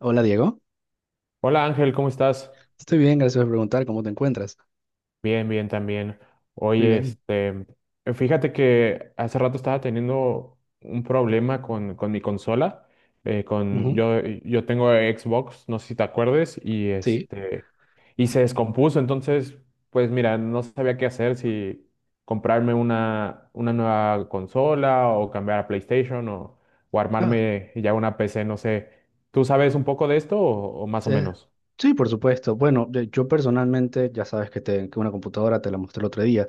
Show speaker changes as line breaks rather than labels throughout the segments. Hola Diego,
Hola Ángel, ¿cómo estás?
estoy bien, gracias por preguntar cómo te encuentras.
Bien, bien también.
Muy
Oye,
bien.
fíjate que hace rato estaba teniendo un problema con mi consola. Con,
Ujú.
yo tengo Xbox, no sé si te acuerdes,
Sí.
y se descompuso. Entonces, pues mira, no sabía qué hacer, si comprarme una nueva consola o cambiar a PlayStation o
Ah,
armarme ya una PC, no sé. ¿Tú sabes un poco de esto o más o
eh,
menos?
sí, por supuesto. Bueno, yo personalmente, ya sabes que, que una computadora te la mostré el otro día,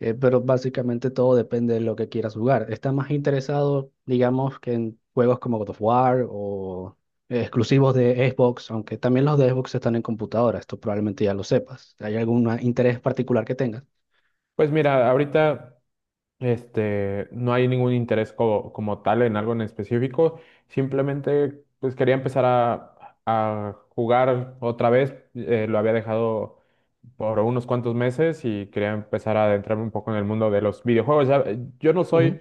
pero básicamente todo depende de lo que quieras jugar. ¿Estás más interesado, digamos, que en juegos como God of War o exclusivos de Xbox? Aunque también los de Xbox están en computadora, esto probablemente ya lo sepas. ¿Hay algún interés particular que tengas?
Pues mira, ahorita. Este, no hay ningún interés como, como tal en algo en específico. Simplemente, pues quería empezar a jugar otra vez. Lo había dejado por unos cuantos meses y quería empezar a adentrarme un poco en el mundo de los videojuegos. Ya, yo no soy
Ujú.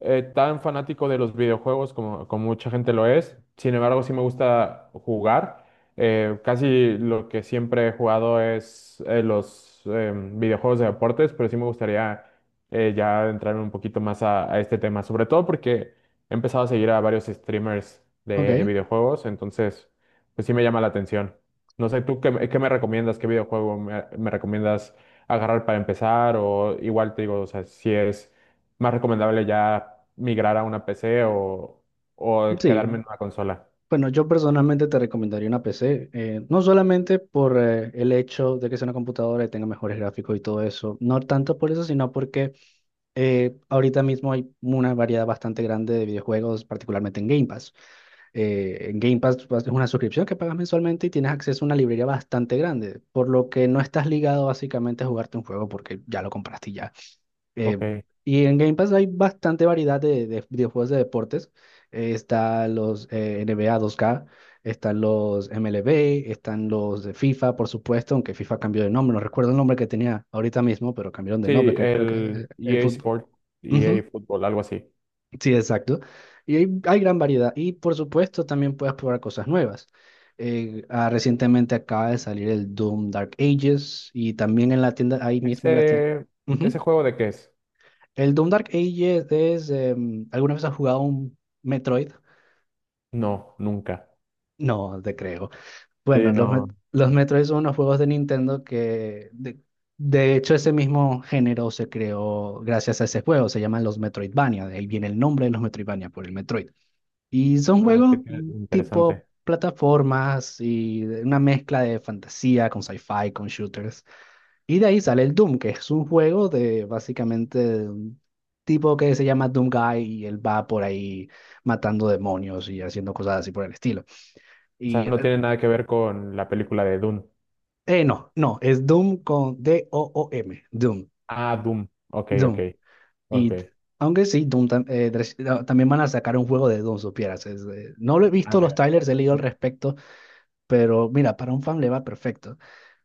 tan fanático de los videojuegos como, como mucha gente lo es. Sin embargo, sí me gusta jugar. Casi lo que siempre he jugado es los videojuegos de deportes, pero sí me gustaría ya entrar un poquito más a este tema, sobre todo porque he empezado a seguir a varios streamers
Ok.
de videojuegos, entonces pues sí me llama la atención. No sé, ¿tú qué me recomiendas? ¿Qué videojuego me recomiendas agarrar para empezar? O igual te digo, o sea, si es más recomendable ya migrar a una PC o quedarme
Sí.
en una consola.
Bueno, yo personalmente te recomendaría una PC, no solamente por el hecho de que sea una computadora y tenga mejores gráficos y todo eso, no tanto por eso, sino porque ahorita mismo hay una variedad bastante grande de videojuegos, particularmente en Game Pass. En Game Pass pues, es una suscripción que pagas mensualmente y tienes acceso a una librería bastante grande, por lo que no estás ligado básicamente a jugarte un juego porque ya lo compraste y ya.
Ok.
Eh, y en Game Pass hay bastante variedad de juegos de deportes. Están los NBA 2K, están los MLB, están los de FIFA, por supuesto, aunque FIFA cambió de nombre. No recuerdo el nombre que tenía ahorita mismo, pero cambiaron de
Sí,
nombre. Creo que
el
el
EA
fútbol.
Sport, EA
Ujú.
Fútbol, algo así.
Sí, exacto. Y hay gran variedad. Y por supuesto, también puedes probar cosas nuevas. Recientemente acaba de salir el Doom Dark Ages y también en la tienda, ahí mismo en la tienda.
¿Ese, ese juego de qué es?
El Doom Dark Ages es. ¿Alguna vez has jugado un Metroid?
No, nunca.
No, te creo.
Sí,
Bueno, los,
no.
Met- los Metroid son unos juegos de Nintendo de hecho, ese mismo género se creó gracias a ese juego. Se llaman los Metroidvania. De ahí viene el nombre de los Metroidvania por el Metroid. Y son
Ah, qué
juegos
te-
tipo
interesante.
plataformas y una mezcla de fantasía con sci-fi, con shooters. Y de ahí sale el Doom, que es un juego de básicamente de un tipo que se llama Doom Guy y él va por ahí matando demonios y haciendo cosas así por el estilo.
O sea,
Y
no tiene nada que ver con la película de Dune.
no, no, es Doom con D-O-O-M, Doom,
Ah, Doom. Ok, ok,
Doom.
ok.
Y t- Aunque sí, no, también van a sacar un juego de Doom, supieras. No lo he
Ah,
visto los
mira.
trailers, he leído al respecto, pero mira, para un fan le va perfecto.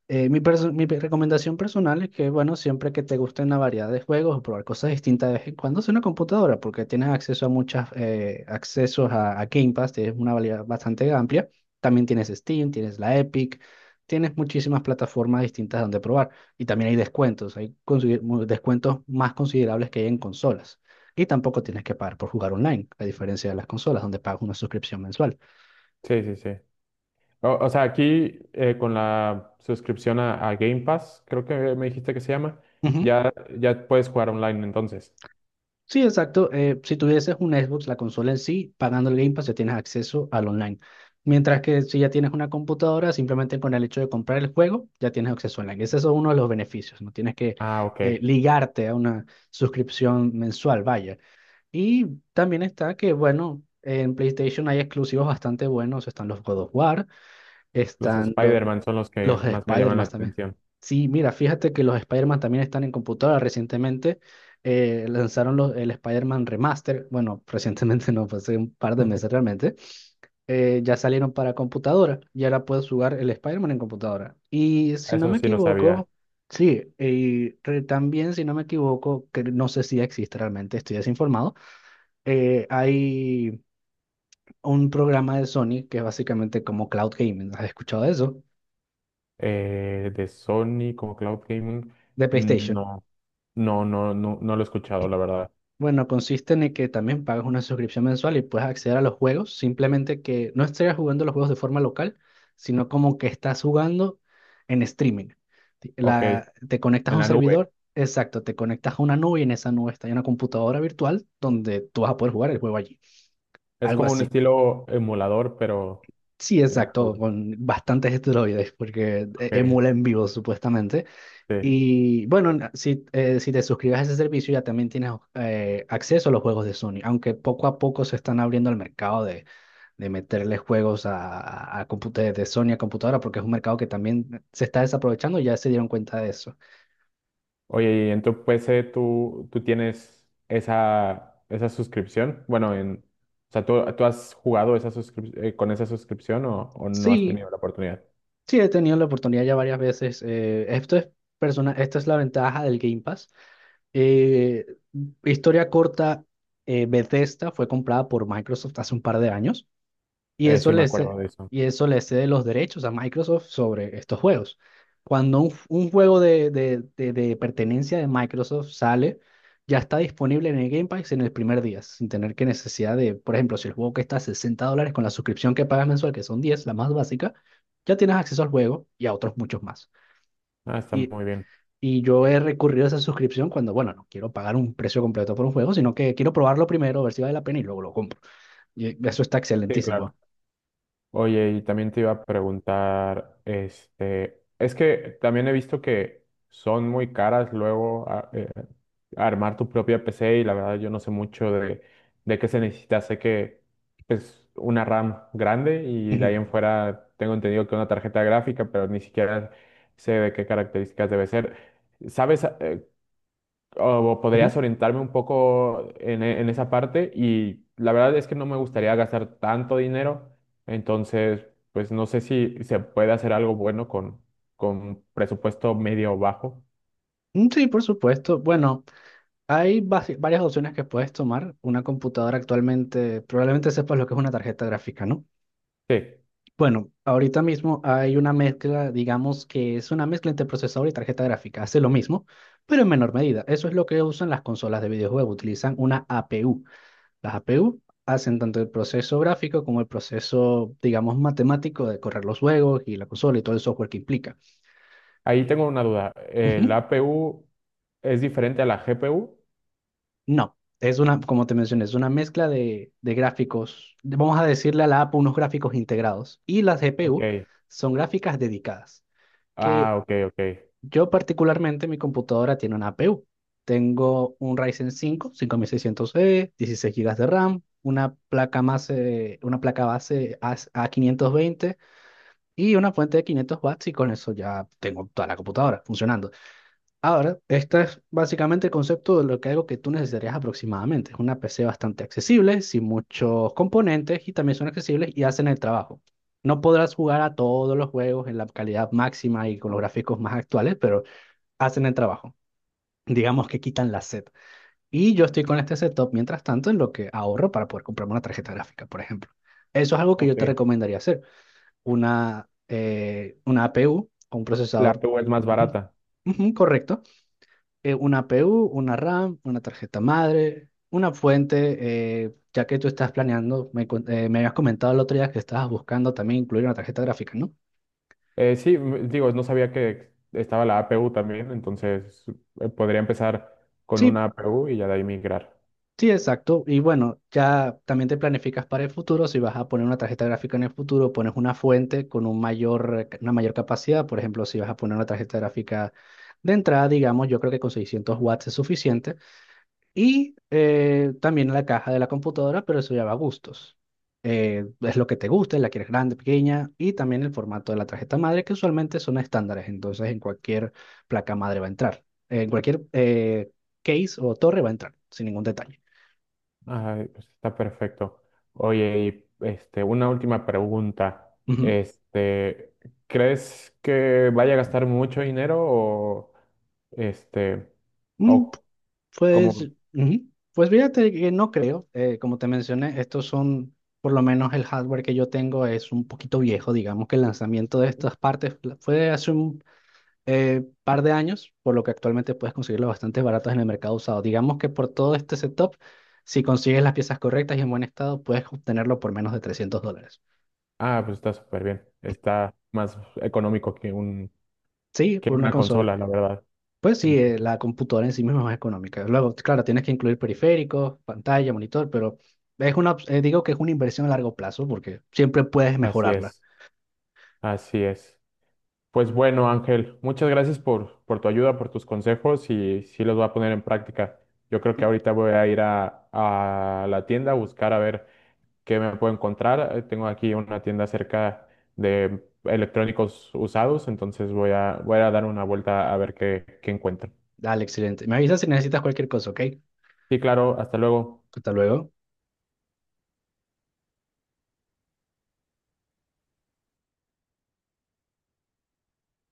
Mi, perso- mi pe- Recomendación personal es que, bueno, siempre que te gusten la variedad de juegos o probar cosas distintas de vez en cuando es una computadora, porque tienes acceso a muchas accesos a Game Pass, tienes una variedad bastante amplia. También tienes Steam, tienes la Epic, tienes muchísimas plataformas distintas donde probar. Y también hay descuentos, descuentos más considerables que hay en consolas. Y tampoco tienes que pagar por jugar online, a diferencia de las consolas, donde pagas una suscripción mensual.
Sí, sí, sí. O sea, aquí con la suscripción a Game Pass, creo que me dijiste que se llama, ya, ya puedes jugar online entonces.
Sí, exacto. Si tuvieses un Xbox, la consola en sí, pagando el Game Pass ya tienes acceso al online. Mientras que si ya tienes una computadora, simplemente con el hecho de comprar el juego, ya tienes acceso online. Ese es uno de los beneficios. No tienes que
Ah, ok.
ligarte a una suscripción mensual, vaya. Y también está que, bueno, en PlayStation hay exclusivos bastante buenos. Están los God of War,
Los
estando
Spider-Man son los
los
que más me llaman la
Spider-Man también.
atención.
Sí, mira, fíjate que los Spider-Man también están en computadora. Recientemente lanzaron el Spider-Man Remaster. Bueno, recientemente no, fue hace un par de meses realmente. Ya salieron para computadora y ahora puedes jugar el Spider-Man en computadora. Y si no
Eso
me
sí no sabía.
equivoco, sí, y también si no me equivoco, que no sé si existe realmente, estoy desinformado, hay un programa de Sony que es básicamente como Cloud Gaming. ¿Has escuchado de eso?
De Sony como Cloud Gaming,
De PlayStation.
no, no lo he escuchado, la verdad.
Bueno, consiste en el que también pagas una suscripción mensual y puedes acceder a los juegos, simplemente que no estés jugando los juegos de forma local, sino como que estás jugando en streaming. Ti-
Ok, en
la- te conectas a un
la nube.
servidor, exacto, te conectas a una nube y en esa nube está una computadora virtual donde tú vas a poder jugar el juego allí.
Es
Algo
como un
así.
estilo emulador, pero
Sí,
en la
exacto,
nube.
con bastantes esteroides, porque
Ok,
emula en vivo supuestamente.
sí.
Y bueno, si te suscribes a ese servicio ya también tienes acceso a los juegos de Sony, aunque poco a poco se están abriendo el mercado de meterle juegos de Sony a computadora, porque es un mercado que también se está desaprovechando, ya se dieron cuenta de eso.
Oye, y en tu PC tú tienes esa, esa suscripción. Bueno, en, o sea, ¿tú, has jugado esa suscrip- con esa suscripción o no has
Sí,
tenido la oportunidad?
sí, he tenido la oportunidad ya varias veces. Esta es la ventaja del Game Pass. Eh, Historia corta, Bethesda fue comprada por Microsoft hace un par de años. Y eso
Sí, me
le
acuerdo
ce-
de eso.
y eso le cede los derechos a Microsoft sobre estos juegos. Cuando un juego de pertenencia de Microsoft sale, ya está disponible en el Game Pass en el primer día, sin tener que necesidad de, por ejemplo, si el juego cuesta $60 con la suscripción que pagas mensual, que son 10 la más básica, ya tienes acceso al juego y a otros muchos más.
Ah, está
Y,
muy bien.
y yo he recurrido a esa suscripción cuando, bueno, no quiero pagar un precio completo por un juego, sino que quiero probarlo primero, ver si vale la pena y luego lo compro. Y eso está
Sí, claro.
excelentísimo.
Oye, y también te iba a preguntar, es que también he visto que son muy caras luego a- armar tu propia PC y la verdad yo no sé mucho de qué se necesita. Sé que es una RAM grande y de
Ujú.
ahí en fuera tengo entendido que una tarjeta gráfica, pero ni siquiera sé de qué características debe ser. ¿Sabes? O podrías orientarme un poco en, e- en esa parte y la verdad es que no me gustaría gastar tanto dinero, entonces pues no sé si se puede hacer algo bueno con presupuesto medio o bajo.
Mm, Sí, por supuesto. Bueno, varias opciones que puedes tomar. Una computadora actualmente, probablemente sepas lo que es una tarjeta gráfica, ¿no?
Sí,
Bueno, ahorita mismo hay una mezcla, digamos que es una mezcla entre procesador y tarjeta gráfica. Hace lo mismo, pero en menor medida. Eso es lo que usan las consolas de videojuegos. Utilizan una APU. Las APU hacen tanto el proceso gráfico como el proceso, digamos, matemático de correr los juegos y la consola y todo el software que implica.
ahí tengo una duda. ¿La
Ujú.
APU es diferente a la GPU?
No, es una, como te mencioné, es una mezcla de gráficos. Vamos a decirle a la APU unos gráficos integrados. Y las GPU
Ok,
son gráficas dedicadas. Que
ah, ok, ok,
yo particularmente, mi computadora tiene una APU. Tengo un Ryzen 5, 5600 e 16 gigas de RAM, una placa base A520 y una fuente de 500 watts y con eso ya tengo toda la computadora funcionando. Ahora, este es básicamente el concepto de lo que algo que tú necesitarías aproximadamente. Es una PC bastante accesible, sin muchos componentes y también son accesibles y hacen el trabajo. No podrás jugar a todos los juegos en la calidad máxima y con los gráficos más actuales, pero hacen el trabajo. Digamos que quitan la sed. Y yo estoy con este setup mientras tanto en lo que ahorro para poder comprarme una tarjeta gráfica, por ejemplo. Eso es algo que yo
ok.
te recomendaría hacer. Una APU o un
La
procesador.
APU es más
Ujú,
barata.
ujú, correcto. Una PU, una RAM, una tarjeta madre, una fuente, ya que tú estás planeando, me habías comentado el otro día que estabas buscando también incluir una tarjeta gráfica, ¿no?
Sí, m- digo, no sabía que estaba la APU también, entonces podría empezar con
Sí,
una APU y ya de ahí migrar.
sí, exacto. Y bueno, ya también te planificas para el futuro, si vas a poner una tarjeta gráfica en el futuro, pones una fuente con un mayor, una mayor capacidad, por ejemplo, si vas a poner una tarjeta gráfica de entrada, digamos, yo creo que con 600 watts es suficiente. Y también la caja de la computadora, pero eso ya va a gustos. Es lo que te guste, la quieres grande, pequeña, y también el formato de la tarjeta madre, que usualmente son estándares, entonces en cualquier placa madre va a entrar, en cualquier case o torre va a entrar, sin ningún detalle.
Ay, pues está perfecto. Oye, una última pregunta.
Ujú.
Este, ¿crees que vaya a gastar mucho dinero o este,
Mm,
o cómo
pues,
ves?
ujú. Pues fíjate que no creo, como te mencioné, estos son, por lo menos el hardware que yo tengo es un poquito viejo, digamos que el lanzamiento de
Ujú.
estas partes fue hace un par de años, por lo que actualmente puedes conseguirlo bastante baratos en el mercado usado. Digamos que por todo este setup, si consigues las piezas correctas y en buen estado, puedes obtenerlo por menos de $300.
Ah, pues está súper bien. Está más económico que un,
Sí,
que
por una
una
consola.
consola, la verdad.
Pues sí,
Entonces,
la computadora en sí misma es más económica. Luego, claro, tienes que incluir periféricos, pantalla, monitor, pero es una, digo que es una inversión a largo plazo porque siempre puedes
así
mejorarla.
es, así es. Pues bueno, Ángel, muchas gracias por tu ayuda, por tus consejos y sí los voy a poner en práctica. Yo creo que ahorita voy a ir a la tienda a buscar a ver qué me puedo encontrar. Tengo aquí una tienda cerca de electrónicos usados, entonces voy a dar una vuelta a ver qué, qué encuentro.
Dale, excelente. Me avisas si necesitas cualquier cosa, ¿ok?
Sí, claro, hasta luego.
Hasta luego.